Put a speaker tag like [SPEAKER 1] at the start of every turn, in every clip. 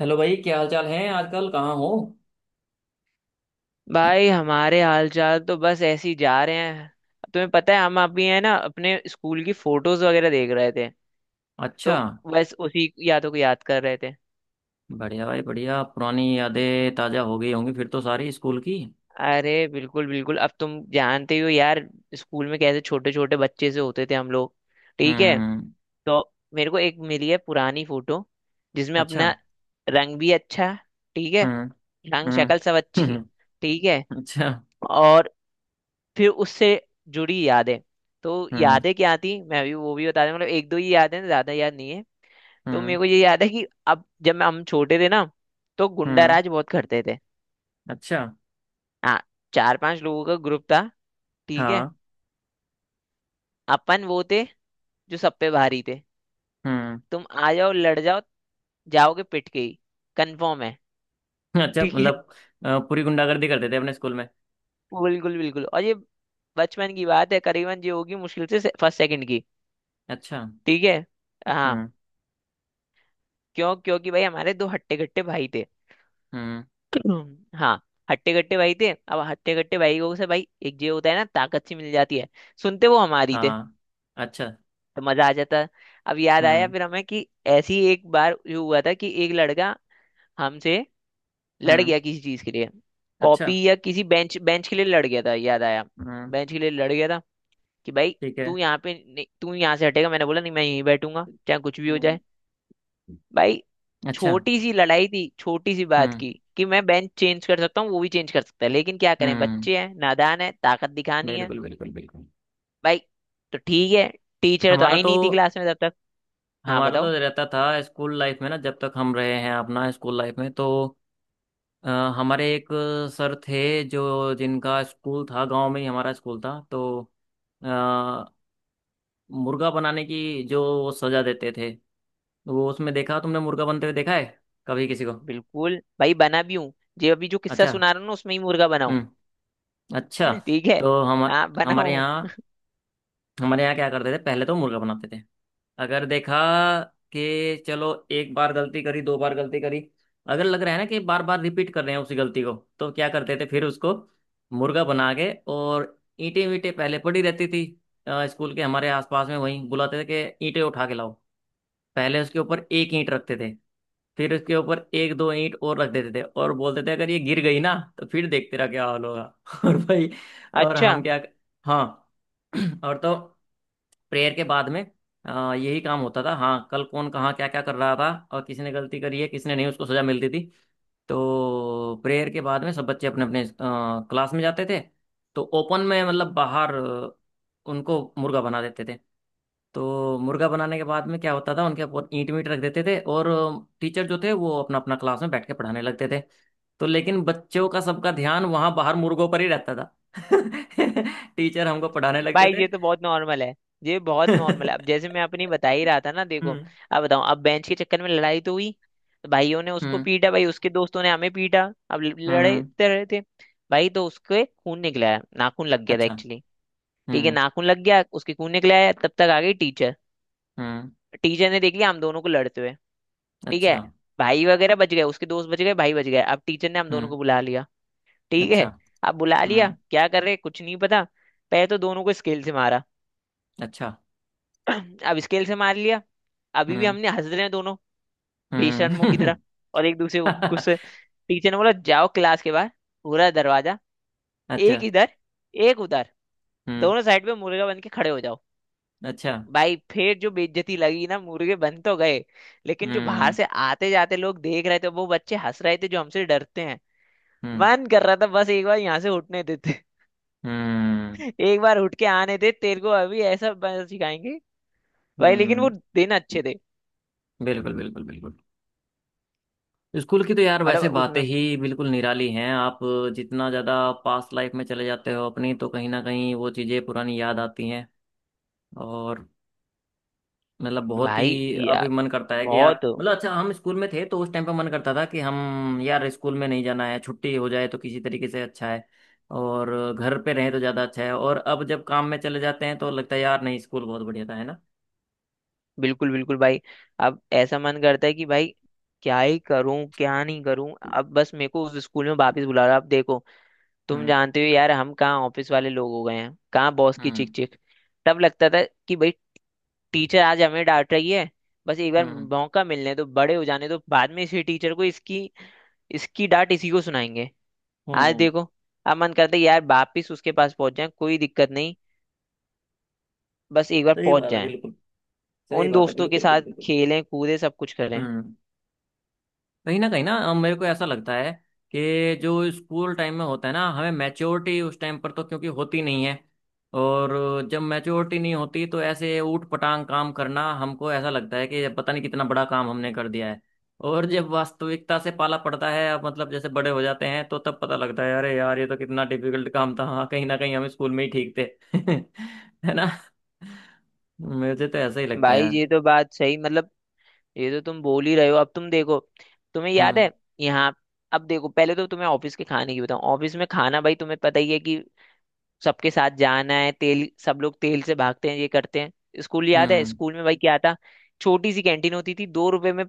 [SPEAKER 1] Hello भाई। क्या हाल चाल है? आजकल कहाँ हो?
[SPEAKER 2] भाई हमारे हालचाल तो बस ऐसे ही जा रहे हैं। तुम्हें पता है, हम अभी है ना अपने स्कूल की फोटोज वगैरह देख रहे थे।
[SPEAKER 1] अच्छा।
[SPEAKER 2] तो बस उसी यादों को याद कर रहे थे।
[SPEAKER 1] बढ़िया भाई बढ़िया। पुरानी यादें ताजा हो गई होंगी फिर तो सारी स्कूल की।
[SPEAKER 2] अरे बिल्कुल बिल्कुल, अब तुम जानते ही हो यार, स्कूल में कैसे छोटे छोटे बच्चे से होते थे हम लोग। ठीक है।
[SPEAKER 1] हम्म।
[SPEAKER 2] तो मेरे को एक मिली है पुरानी फोटो, जिसमें
[SPEAKER 1] अच्छा।
[SPEAKER 2] अपना रंग भी अच्छा है। ठीक है।
[SPEAKER 1] हम्म।
[SPEAKER 2] रंग
[SPEAKER 1] हम्म।
[SPEAKER 2] शक्ल सब अच्छी।
[SPEAKER 1] हम्म।
[SPEAKER 2] ठीक है।
[SPEAKER 1] अच्छा।
[SPEAKER 2] और फिर उससे जुड़ी यादें। तो
[SPEAKER 1] हम्म।
[SPEAKER 2] यादें क्या थी, मैं भी वो भी बता दूं, मतलब एक दो ही याद है, ज्यादा याद नहीं है। तो मेरे
[SPEAKER 1] हम्म।
[SPEAKER 2] को ये याद है कि अब जब हम छोटे थे ना, तो गुंडा
[SPEAKER 1] हम्म।
[SPEAKER 2] राज बहुत करते थे।
[SPEAKER 1] अच्छा।
[SPEAKER 2] हाँ, चार पांच लोगों का ग्रुप था। ठीक है।
[SPEAKER 1] हाँ।
[SPEAKER 2] अपन वो थे जो सब पे भारी थे।
[SPEAKER 1] हम्म।
[SPEAKER 2] तुम आ जाओ, लड़ जाओ, जाओगे पिट के ही, कंफर्म है।
[SPEAKER 1] अच्छा
[SPEAKER 2] ठीक है।
[SPEAKER 1] मतलब। पूरी गुंडागर्दी करते थे अपने स्कूल में।
[SPEAKER 2] बिल्कुल बिल्कुल। और ये बचपन की बात है, करीबन ये होगी मुश्किल से फर्स्ट सेकंड की।
[SPEAKER 1] अच्छा।
[SPEAKER 2] ठीक है। हाँ।
[SPEAKER 1] हम्म।
[SPEAKER 2] क्यों? क्योंकि भाई हमारे दो हट्टे कट्टे भाई थे।
[SPEAKER 1] हम्म।
[SPEAKER 2] हाँ। हट्टे कट्टे भाई थे, अब हट्टे कट्टे भाई को से भाई एक जो होता है ना, ताकत सी मिल जाती है। सुनते वो हमारी थे।
[SPEAKER 1] हाँ। अच्छा।
[SPEAKER 2] तो मजा आ जाता। अब याद आया
[SPEAKER 1] हम्म।
[SPEAKER 2] फिर हमें कि ऐसी एक बार जो हुआ था कि एक लड़का हमसे लड़
[SPEAKER 1] हम्म।
[SPEAKER 2] गया किसी चीज के लिए।
[SPEAKER 1] अच्छा।
[SPEAKER 2] कॉपी या किसी बेंच बेंच के लिए लड़ गया था, याद आया।
[SPEAKER 1] हम्म।
[SPEAKER 2] बेंच के लिए लड़ गया था। कि भाई
[SPEAKER 1] ठीक है।
[SPEAKER 2] तू यहाँ से हटेगा, मैंने बोला नहीं, मैं यहीं बैठूंगा चाहे कुछ भी हो
[SPEAKER 1] हम्म।
[SPEAKER 2] जाए। भाई
[SPEAKER 1] अच्छा।
[SPEAKER 2] छोटी सी लड़ाई थी, छोटी सी बात
[SPEAKER 1] हम्म।
[SPEAKER 2] की कि मैं बेंच चेंज कर सकता हूँ, वो भी चेंज कर सकता है, लेकिन क्या करें,
[SPEAKER 1] हम्म।
[SPEAKER 2] बच्चे हैं, नादान है, ताकत दिखानी है।
[SPEAKER 1] बिल्कुल बिल्कुल बिल्कुल।
[SPEAKER 2] भाई तो ठीक है। टीचर तो
[SPEAKER 1] हमारा
[SPEAKER 2] आई
[SPEAKER 1] तो
[SPEAKER 2] नहीं थी क्लास में तब तक। हाँ
[SPEAKER 1] हमारा तो
[SPEAKER 2] बताओ।
[SPEAKER 1] रहता था स्कूल लाइफ में ना, जब तक हम रहे हैं अपना स्कूल लाइफ में, तो अ, हमारे एक सर थे, जो जिनका स्कूल था, गांव में ही हमारा स्कूल था। तो अ, मुर्गा बनाने की जो वो सजा देते थे, वो उसमें देखा, तुमने मुर्गा बनते हुए देखा है कभी किसी को?
[SPEAKER 2] बिल्कुल भाई, बना भी हूँ। जो अभी जो किस्सा
[SPEAKER 1] अच्छा।
[SPEAKER 2] सुना रहा हूँ ना, उसमें ही मुर्गा बनाऊँ।
[SPEAKER 1] हम्म। अच्छा।
[SPEAKER 2] ठीक है।
[SPEAKER 1] तो हम
[SPEAKER 2] हाँ
[SPEAKER 1] हमारे
[SPEAKER 2] बनाऊँ।
[SPEAKER 1] यहाँ हमारे यहाँ क्या करते थे, पहले तो मुर्गा बनाते थे। अगर देखा कि चलो एक बार गलती करी, दो बार गलती करी, अगर लग रहा है ना कि बार बार रिपीट कर रहे हैं उसी गलती को, तो क्या करते थे फिर उसको मुर्गा बना के। और ईंटें वींटें पहले पड़ी रहती थी स्कूल के हमारे आसपास में, वहीं बुलाते थे कि ईंटें उठा के लाओ। पहले उसके ऊपर एक ईंट रखते थे, फिर उसके ऊपर एक दो ईंट और रख देते थे और बोलते थे अगर ये गिर गई ना, तो फिर देखते रह क्या हाल होगा। और भाई, और
[SPEAKER 2] अच्छा।
[SPEAKER 1] हम क्या। हाँ। और तो प्रेयर के बाद में यही काम होता था। हाँ, कल कौन कहाँ क्या क्या कर रहा था और किसने गलती करी है किसने नहीं, उसको सजा मिलती थी। तो प्रेयर के बाद में सब बच्चे अपने अपने क्लास में जाते थे। तो ओपन में मतलब बाहर उनको मुर्गा बना देते थे। तो मुर्गा बनाने के बाद में क्या होता था, उनके ऊपर ईंट मीट रख देते थे और टीचर जो थे वो अपना अपना क्लास में बैठ के पढ़ाने लगते थे। तो लेकिन बच्चों का सबका ध्यान वहां बाहर मुर्गों पर ही रहता था। टीचर हमको पढ़ाने लगते
[SPEAKER 2] भाई
[SPEAKER 1] थे।
[SPEAKER 2] ये तो बहुत नॉर्मल है। ये बहुत नॉर्मल है। अब जैसे मैं अपनी बता ही रहा था ना, देखो।
[SPEAKER 1] हम्म।
[SPEAKER 2] अब बताऊं, अब बेंच के चक्कर में लड़ाई तो हुई, तो भाइयों ने उसको
[SPEAKER 1] हम्म।
[SPEAKER 2] पीटा, भाई उसके दोस्तों ने हमें पीटा। अब
[SPEAKER 1] हम्म।
[SPEAKER 2] लड़ते रहे थे। भाई तो उसके खून निकला है, नाखून लग गया था
[SPEAKER 1] अच्छा।
[SPEAKER 2] एक्चुअली। ठीक है,
[SPEAKER 1] हम्म।
[SPEAKER 2] नाखून लग गया, उसके खून निकला है, तब तक आ गई टीचर।
[SPEAKER 1] हम्म।
[SPEAKER 2] टीचर ने देख लिया हम दोनों को लड़ते हुए। ठीक है।
[SPEAKER 1] अच्छा।
[SPEAKER 2] भाई वगैरह बच गए, उसके दोस्त बच गए, भाई बच गए, अब टीचर ने हम दोनों
[SPEAKER 1] हम्म।
[SPEAKER 2] को बुला लिया। ठीक
[SPEAKER 1] अच्छा।
[SPEAKER 2] है। अब बुला
[SPEAKER 1] हम्म।
[SPEAKER 2] लिया, क्या कर रहे कुछ नहीं पता। पहले तो दोनों को स्केल से मारा।
[SPEAKER 1] अच्छा।
[SPEAKER 2] अब स्केल से मार लिया। अभी भी
[SPEAKER 1] हम्म।
[SPEAKER 2] हमने हंस रहे हैं दोनों, बेशर्मों की तरह,
[SPEAKER 1] हम्म।
[SPEAKER 2] और एक दूसरे को गुस्से। टीचर ने बोला जाओ क्लास के बाहर, पूरा दरवाजा,
[SPEAKER 1] अच्छा।
[SPEAKER 2] एक इधर, एक उधर,
[SPEAKER 1] हम्म।
[SPEAKER 2] दोनों साइड पे मुर्गा बन के खड़े हो जाओ।
[SPEAKER 1] अच्छा।
[SPEAKER 2] भाई फिर जो बेइज्जती लगी ना, मुर्गे बन तो गए, लेकिन जो बाहर
[SPEAKER 1] हम्म।
[SPEAKER 2] से आते जाते लोग देख रहे थे, वो बच्चे हंस रहे थे जो हमसे डरते हैं।
[SPEAKER 1] हम्म।
[SPEAKER 2] मन कर रहा था बस एक बार यहाँ से उठने देते।
[SPEAKER 1] हम्म।
[SPEAKER 2] एक बार उठ के आने दे तेरे को, अभी ऐसा सिखाएंगे। भाई लेकिन वो
[SPEAKER 1] हम्म।
[SPEAKER 2] दिन अच्छे थे।
[SPEAKER 1] बिल्कुल बिल्कुल बिल्कुल। स्कूल की तो यार
[SPEAKER 2] मतलब
[SPEAKER 1] वैसे बातें
[SPEAKER 2] उसमें,
[SPEAKER 1] ही बिल्कुल निराली हैं। आप जितना ज़्यादा पास्ट लाइफ में चले जाते हो अपनी, तो कहीं ना कहीं वो चीज़ें पुरानी याद आती हैं। और मतलब बहुत
[SPEAKER 2] भाई
[SPEAKER 1] ही अभी
[SPEAKER 2] यार
[SPEAKER 1] मन करता है कि यार
[SPEAKER 2] बहुत।
[SPEAKER 1] मतलब, अच्छा हम स्कूल में थे तो उस टाइम पे मन करता था कि हम यार स्कूल में नहीं जाना है, छुट्टी हो जाए तो किसी तरीके से अच्छा है। और घर पे रहें तो ज़्यादा अच्छा है। और अब जब काम में चले जाते हैं तो लगता है यार नहीं, स्कूल बहुत बढ़िया था, है ना।
[SPEAKER 2] बिल्कुल बिल्कुल भाई। अब ऐसा मन करता है कि भाई क्या ही करूं, क्या नहीं करूं, अब बस मेरे को उस स्कूल में वापस बुला रहा। अब देखो, तुम
[SPEAKER 1] हम्म।
[SPEAKER 2] जानते हो यार, हम कहाँ ऑफिस वाले लोग हो गए हैं, कहाँ बॉस की चिक
[SPEAKER 1] हम्म।
[SPEAKER 2] चिक। तब लगता था कि भाई टीचर आज हमें डांट रही है, बस एक बार
[SPEAKER 1] हम्म।
[SPEAKER 2] मौका मिलने दो, बड़े हो जाने दो, बाद में इसी टीचर को इसकी इसकी डांट इसी को सुनाएंगे। आज
[SPEAKER 1] हम्म।
[SPEAKER 2] देखो, अब मन करता है यार वापिस उसके पास पहुंच जाए, कोई दिक्कत नहीं, बस एक बार
[SPEAKER 1] सही
[SPEAKER 2] पहुंच
[SPEAKER 1] बात है
[SPEAKER 2] जाए।
[SPEAKER 1] बिल्कुल। सही
[SPEAKER 2] उन
[SPEAKER 1] बात है
[SPEAKER 2] दोस्तों के
[SPEAKER 1] बिल्कुल
[SPEAKER 2] साथ
[SPEAKER 1] बिल्कुल बिल्कुल।
[SPEAKER 2] खेलें, कूदें, सब कुछ करें।
[SPEAKER 1] हम्म। कहीं ना मेरे को ऐसा लगता है कि जो स्कूल टाइम में होता है ना, हमें मैच्योरिटी उस टाइम पर तो क्योंकि होती नहीं है। और जब मैच्योरिटी नहीं होती तो ऐसे ऊट पटांग काम करना हमको ऐसा लगता है कि पता नहीं कितना बड़ा काम हमने कर दिया है। और जब वास्तविकता से पाला पड़ता है, अब मतलब जैसे बड़े हो जाते हैं, तो तब पता लगता है अरे यार ये तो कितना डिफिकल्ट काम था। हाँ, कहीं ना कहीं हम स्कूल में ही ठीक थे। है ना। मुझे तो ऐसा ही लगता है
[SPEAKER 2] भाई
[SPEAKER 1] यार।
[SPEAKER 2] ये तो बात सही, मतलब ये तो तुम बोल ही रहे हो। अब तुम देखो, तुम्हें याद
[SPEAKER 1] हम्म।
[SPEAKER 2] है यहाँ, अब देखो, पहले तो तुम्हें ऑफिस के खाने की बताऊं, ऑफिस में खाना, भाई तुम्हें पता ही है कि सबके साथ जाना है, तेल सब लोग तेल से भागते हैं, ये करते हैं। स्कूल याद है,
[SPEAKER 1] हम्म।
[SPEAKER 2] स्कूल में भाई क्या था? छोटी सी कैंटीन होती थी, दो रुपए में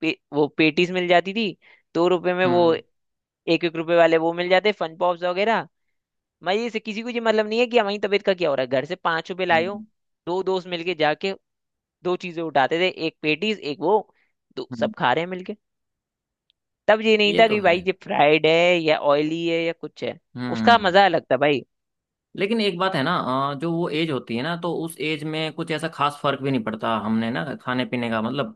[SPEAKER 2] वो पेटीज मिल जाती थी। दो रुपए में वो
[SPEAKER 1] हम्म।
[SPEAKER 2] एक एक रुपए वाले वो मिल जाते, फन पॉप्स वगैरह। मजे से, किसी को ये मतलब नहीं है कि हमारी तबीयत का क्या हो रहा है, घर से पांच रुपए लाए हो,
[SPEAKER 1] हम्म।
[SPEAKER 2] दो दोस्त मिलके जाके दो चीजें उठाते थे, एक पेटीज एक वो, तो सब
[SPEAKER 1] हम्म।
[SPEAKER 2] खा रहे हैं मिलके। तब ये नहीं
[SPEAKER 1] ये
[SPEAKER 2] था
[SPEAKER 1] तो
[SPEAKER 2] कि
[SPEAKER 1] है।
[SPEAKER 2] भाई ये फ्राइड है या ऑयली है या कुछ है। उसका
[SPEAKER 1] हम्म।
[SPEAKER 2] मजा अलग था भाई।
[SPEAKER 1] लेकिन एक बात है ना, जो वो एज होती है ना तो उस एज में कुछ ऐसा खास फर्क भी नहीं पड़ता हमने ना खाने पीने का मतलब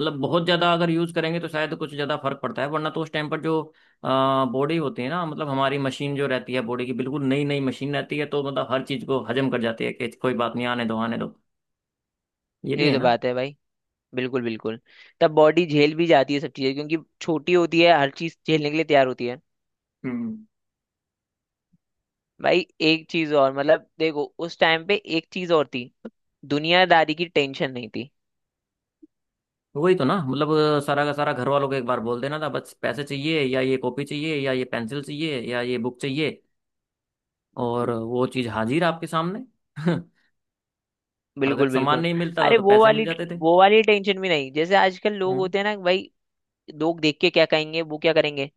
[SPEAKER 1] मतलब बहुत ज्यादा अगर यूज करेंगे तो शायद कुछ ज्यादा फर्क पड़ता है, वरना तो उस टाइम पर जो बॉडी होती है ना, मतलब हमारी मशीन जो रहती है बॉडी की, बिल्कुल नई नई मशीन रहती है तो मतलब हर चीज को हजम कर जाती है कि कोई बात नहीं, आने दो आने दो। ये भी
[SPEAKER 2] ये
[SPEAKER 1] है
[SPEAKER 2] तो
[SPEAKER 1] ना।
[SPEAKER 2] बात है भाई, बिल्कुल बिल्कुल। तब बॉडी झेल भी जाती है सब चीजें, क्योंकि छोटी होती है, हर चीज झेलने के लिए तैयार होती है।
[SPEAKER 1] हम्म।
[SPEAKER 2] भाई एक चीज और, मतलब देखो उस टाइम पे एक चीज और थी, दुनियादारी की टेंशन नहीं थी।
[SPEAKER 1] वही तो ना, मतलब सारा का सारा घर वालों को एक बार बोल देना था, बस पैसे चाहिए या ये कॉपी चाहिए या ये पेंसिल चाहिए या ये बुक चाहिए, और वो चीज हाजिर आपके सामने। अगर
[SPEAKER 2] बिल्कुल
[SPEAKER 1] सामान
[SPEAKER 2] बिल्कुल।
[SPEAKER 1] नहीं मिलता था
[SPEAKER 2] अरे
[SPEAKER 1] तो
[SPEAKER 2] वो
[SPEAKER 1] पैसे मिल
[SPEAKER 2] वाली
[SPEAKER 1] जाते थे।
[SPEAKER 2] वो वाली टेंशन भी नहीं, जैसे आजकल लोग
[SPEAKER 1] हम्म।
[SPEAKER 2] होते हैं ना भाई, लोग देख के क्या कहेंगे, वो क्या करेंगे।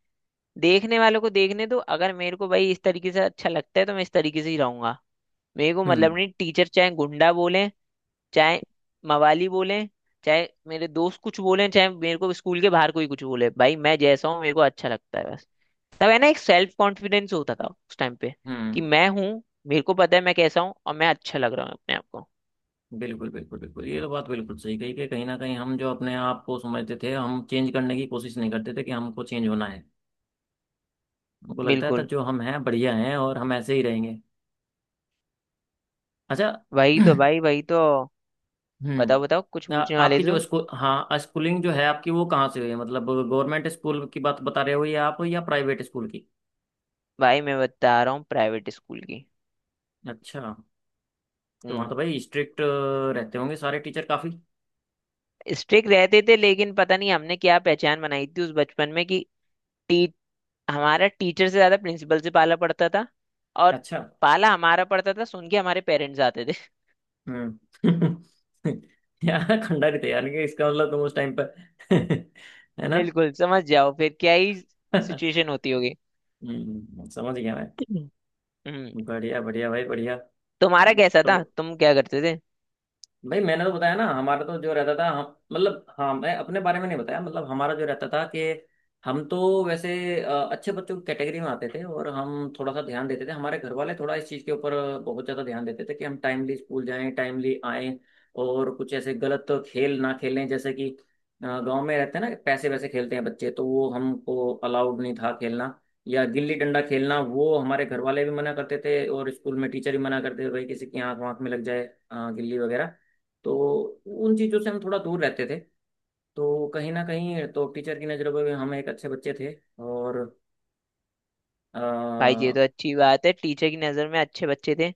[SPEAKER 2] देखने वालों को देखने दो, अगर मेरे को भाई इस तरीके से अच्छा लगता है, तो मैं इस तरीके से ही रहूंगा। मेरे को मतलब
[SPEAKER 1] हम्म।
[SPEAKER 2] नहीं, टीचर चाहे गुंडा बोले, चाहे मवाली बोले, चाहे मेरे दोस्त कुछ बोले, चाहे मेरे को स्कूल के बाहर कोई कुछ बोले, भाई मैं जैसा हूँ, मेरे को अच्छा लगता है बस। तब है ना, एक सेल्फ कॉन्फिडेंस होता था उस टाइम पे, कि
[SPEAKER 1] हम्म।
[SPEAKER 2] मैं हूँ, मेरे को पता है मैं कैसा हूँ, और मैं अच्छा लग रहा हूँ अपने आप को।
[SPEAKER 1] बिल्कुल बिल्कुल बिल्कुल, ये तो बात बिल्कुल सही कही कि कहीं ना कहीं हम जो अपने आप को समझते थे, हम चेंज करने की कोशिश नहीं करते थे कि हमको चेंज होना है। हमको लगता था
[SPEAKER 2] बिल्कुल,
[SPEAKER 1] जो हम हैं बढ़िया हैं और हम ऐसे ही रहेंगे। अच्छा।
[SPEAKER 2] वही तो भाई, वही तो। बताओ बताओ, कुछ
[SPEAKER 1] हम्म।
[SPEAKER 2] पूछने वाले
[SPEAKER 1] आपकी
[SPEAKER 2] थे
[SPEAKER 1] जो
[SPEAKER 2] तुम?
[SPEAKER 1] स्कूल, हाँ, स्कूलिंग जो है आपकी वो कहाँ से हुई है? मतलब गवर्नमेंट स्कूल की बात बता रहे हो या आप या प्राइवेट स्कूल की?
[SPEAKER 2] भाई मैं बता रहा हूँ प्राइवेट स्कूल की।
[SPEAKER 1] अच्छा। तो वहाँ
[SPEAKER 2] हम्म।
[SPEAKER 1] तो भाई स्ट्रिक्ट रहते होंगे सारे टीचर काफी।
[SPEAKER 2] स्ट्रिक्ट रहते थे, लेकिन पता नहीं हमने क्या पहचान बनाई थी उस बचपन में कि टी, हमारा टीचर से ज्यादा प्रिंसिपल से पाला पड़ता था। और
[SPEAKER 1] अच्छा।
[SPEAKER 2] पाला हमारा पड़ता था, सुन के हमारे पेरेंट्स आते थे।
[SPEAKER 1] हम्म। यार खंडा थे यार, कि इसका मतलब तुम उस टाइम पर। है ना।
[SPEAKER 2] बिल्कुल समझ जाओ, फिर क्या ही सिचुएशन होती होगी।
[SPEAKER 1] हम्म, समझ गया मैं।
[SPEAKER 2] हम्म।
[SPEAKER 1] बढ़िया बढ़िया भाई बढ़िया।
[SPEAKER 2] तुम्हारा कैसा
[SPEAKER 1] तो
[SPEAKER 2] था, तुम क्या करते थे?
[SPEAKER 1] भाई मैंने तो बताया ना हमारा तो जो रहता था हम, मतलब हाँ, मैं अपने बारे में नहीं बताया। मतलब हमारा जो रहता था कि हम तो वैसे अच्छे बच्चों की कैटेगरी में आते थे, और हम थोड़ा सा ध्यान देते थे, हमारे घर वाले थोड़ा इस चीज़ के ऊपर बहुत ज़्यादा ध्यान देते थे कि हम टाइमली स्कूल जाएं टाइमली आएं, और कुछ ऐसे गलत खेल ना खेलें, जैसे कि गांव में रहते हैं ना, पैसे वैसे खेलते हैं बच्चे, तो वो हमको अलाउड नहीं था खेलना। या गिल्ली डंडा खेलना वो हमारे घर वाले भी मना करते थे और स्कूल में टीचर भी मना करते थे, भाई किसी की आंख वाँख में लग जाए गिल्ली वगैरह। तो उन चीज़ों से हम थोड़ा दूर रहते थे। तो कहीं ना कहीं तो टीचर की नज़रों में भी हम एक अच्छे बच्चे थे। और
[SPEAKER 2] भाई
[SPEAKER 1] आ,
[SPEAKER 2] ये तो अच्छी बात है, टीचर की नजर में अच्छे बच्चे थे।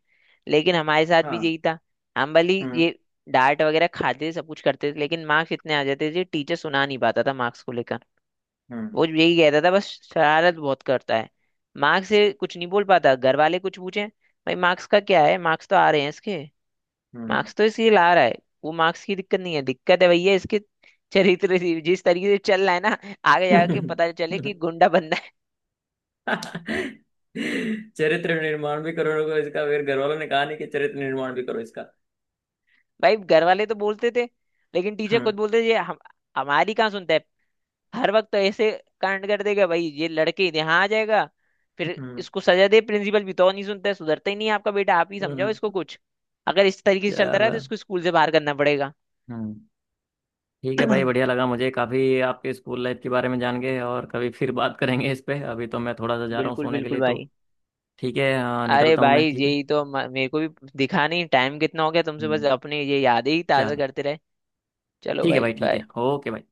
[SPEAKER 2] लेकिन हमारे साथ भी
[SPEAKER 1] हाँ।
[SPEAKER 2] यही था, हम भली ये
[SPEAKER 1] हम्म।
[SPEAKER 2] डांट वगैरह खाते थे, सब कुछ करते थे, लेकिन मार्क्स इतने आ जाते थे टीचर सुना नहीं पाता था मार्क्स को लेकर। वो
[SPEAKER 1] हम्म।
[SPEAKER 2] यही कहता था बस, शरारत बहुत करता है, मार्क्स से कुछ नहीं बोल पाता। घर वाले कुछ पूछे, भाई मार्क्स का क्या है, मार्क्स तो आ रहे हैं इसके,
[SPEAKER 1] हम्म।
[SPEAKER 2] मार्क्स तो इसलिए ला रहा है, वो मार्क्स की दिक्कत नहीं है, दिक्कत है भैया इसके चरित्र से, जिस तरीके से चल रहा है ना, आगे जाके पता चले कि गुंडा बंदा है।
[SPEAKER 1] चरित्र निर्माण भी करो लोगों, इसका फिर घर वालों ने कहा नहीं कि चरित्र निर्माण भी करो इसका।
[SPEAKER 2] भाई घर वाले तो बोलते थे, लेकिन टीचर
[SPEAKER 1] हम्म।
[SPEAKER 2] खुद बोलते थे ये, हम हमारी कहाँ सुनता है, हर वक्त तो ऐसे कांड कर देगा भाई, ये लड़के यहाँ आ जाएगा, फिर
[SPEAKER 1] हम्म।
[SPEAKER 2] इसको सजा दे, प्रिंसिपल भी तो नहीं सुनता है, सुधरता ही नहीं है आपका बेटा, आप ही समझाओ
[SPEAKER 1] हम्म।
[SPEAKER 2] इसको कुछ, अगर इस तरीके से चलता रहा तो
[SPEAKER 1] चलो।
[SPEAKER 2] इसको स्कूल से बाहर करना पड़ेगा।
[SPEAKER 1] हम्म। ठीक है भाई, बढ़िया लगा मुझे काफ़ी आपके स्कूल लाइफ के बारे में जान के, और कभी फिर बात करेंगे इस पे। अभी तो मैं थोड़ा सा जा रहा हूँ
[SPEAKER 2] बिल्कुल
[SPEAKER 1] सोने के
[SPEAKER 2] बिल्कुल
[SPEAKER 1] लिए तो
[SPEAKER 2] भाई।
[SPEAKER 1] ठीक है हाँ,
[SPEAKER 2] अरे
[SPEAKER 1] निकलता हूँ मैं,
[SPEAKER 2] भाई,
[SPEAKER 1] ठीक है।
[SPEAKER 2] यही तो मेरे को भी दिखा नहीं टाइम कितना हो गया तुमसे, बस
[SPEAKER 1] हम्म।
[SPEAKER 2] अपने ये यादें ही ताजा
[SPEAKER 1] चलो
[SPEAKER 2] करते रहे। चलो
[SPEAKER 1] ठीक है
[SPEAKER 2] भाई,
[SPEAKER 1] भाई, ठीक
[SPEAKER 2] बाय।
[SPEAKER 1] है, ओके भाई।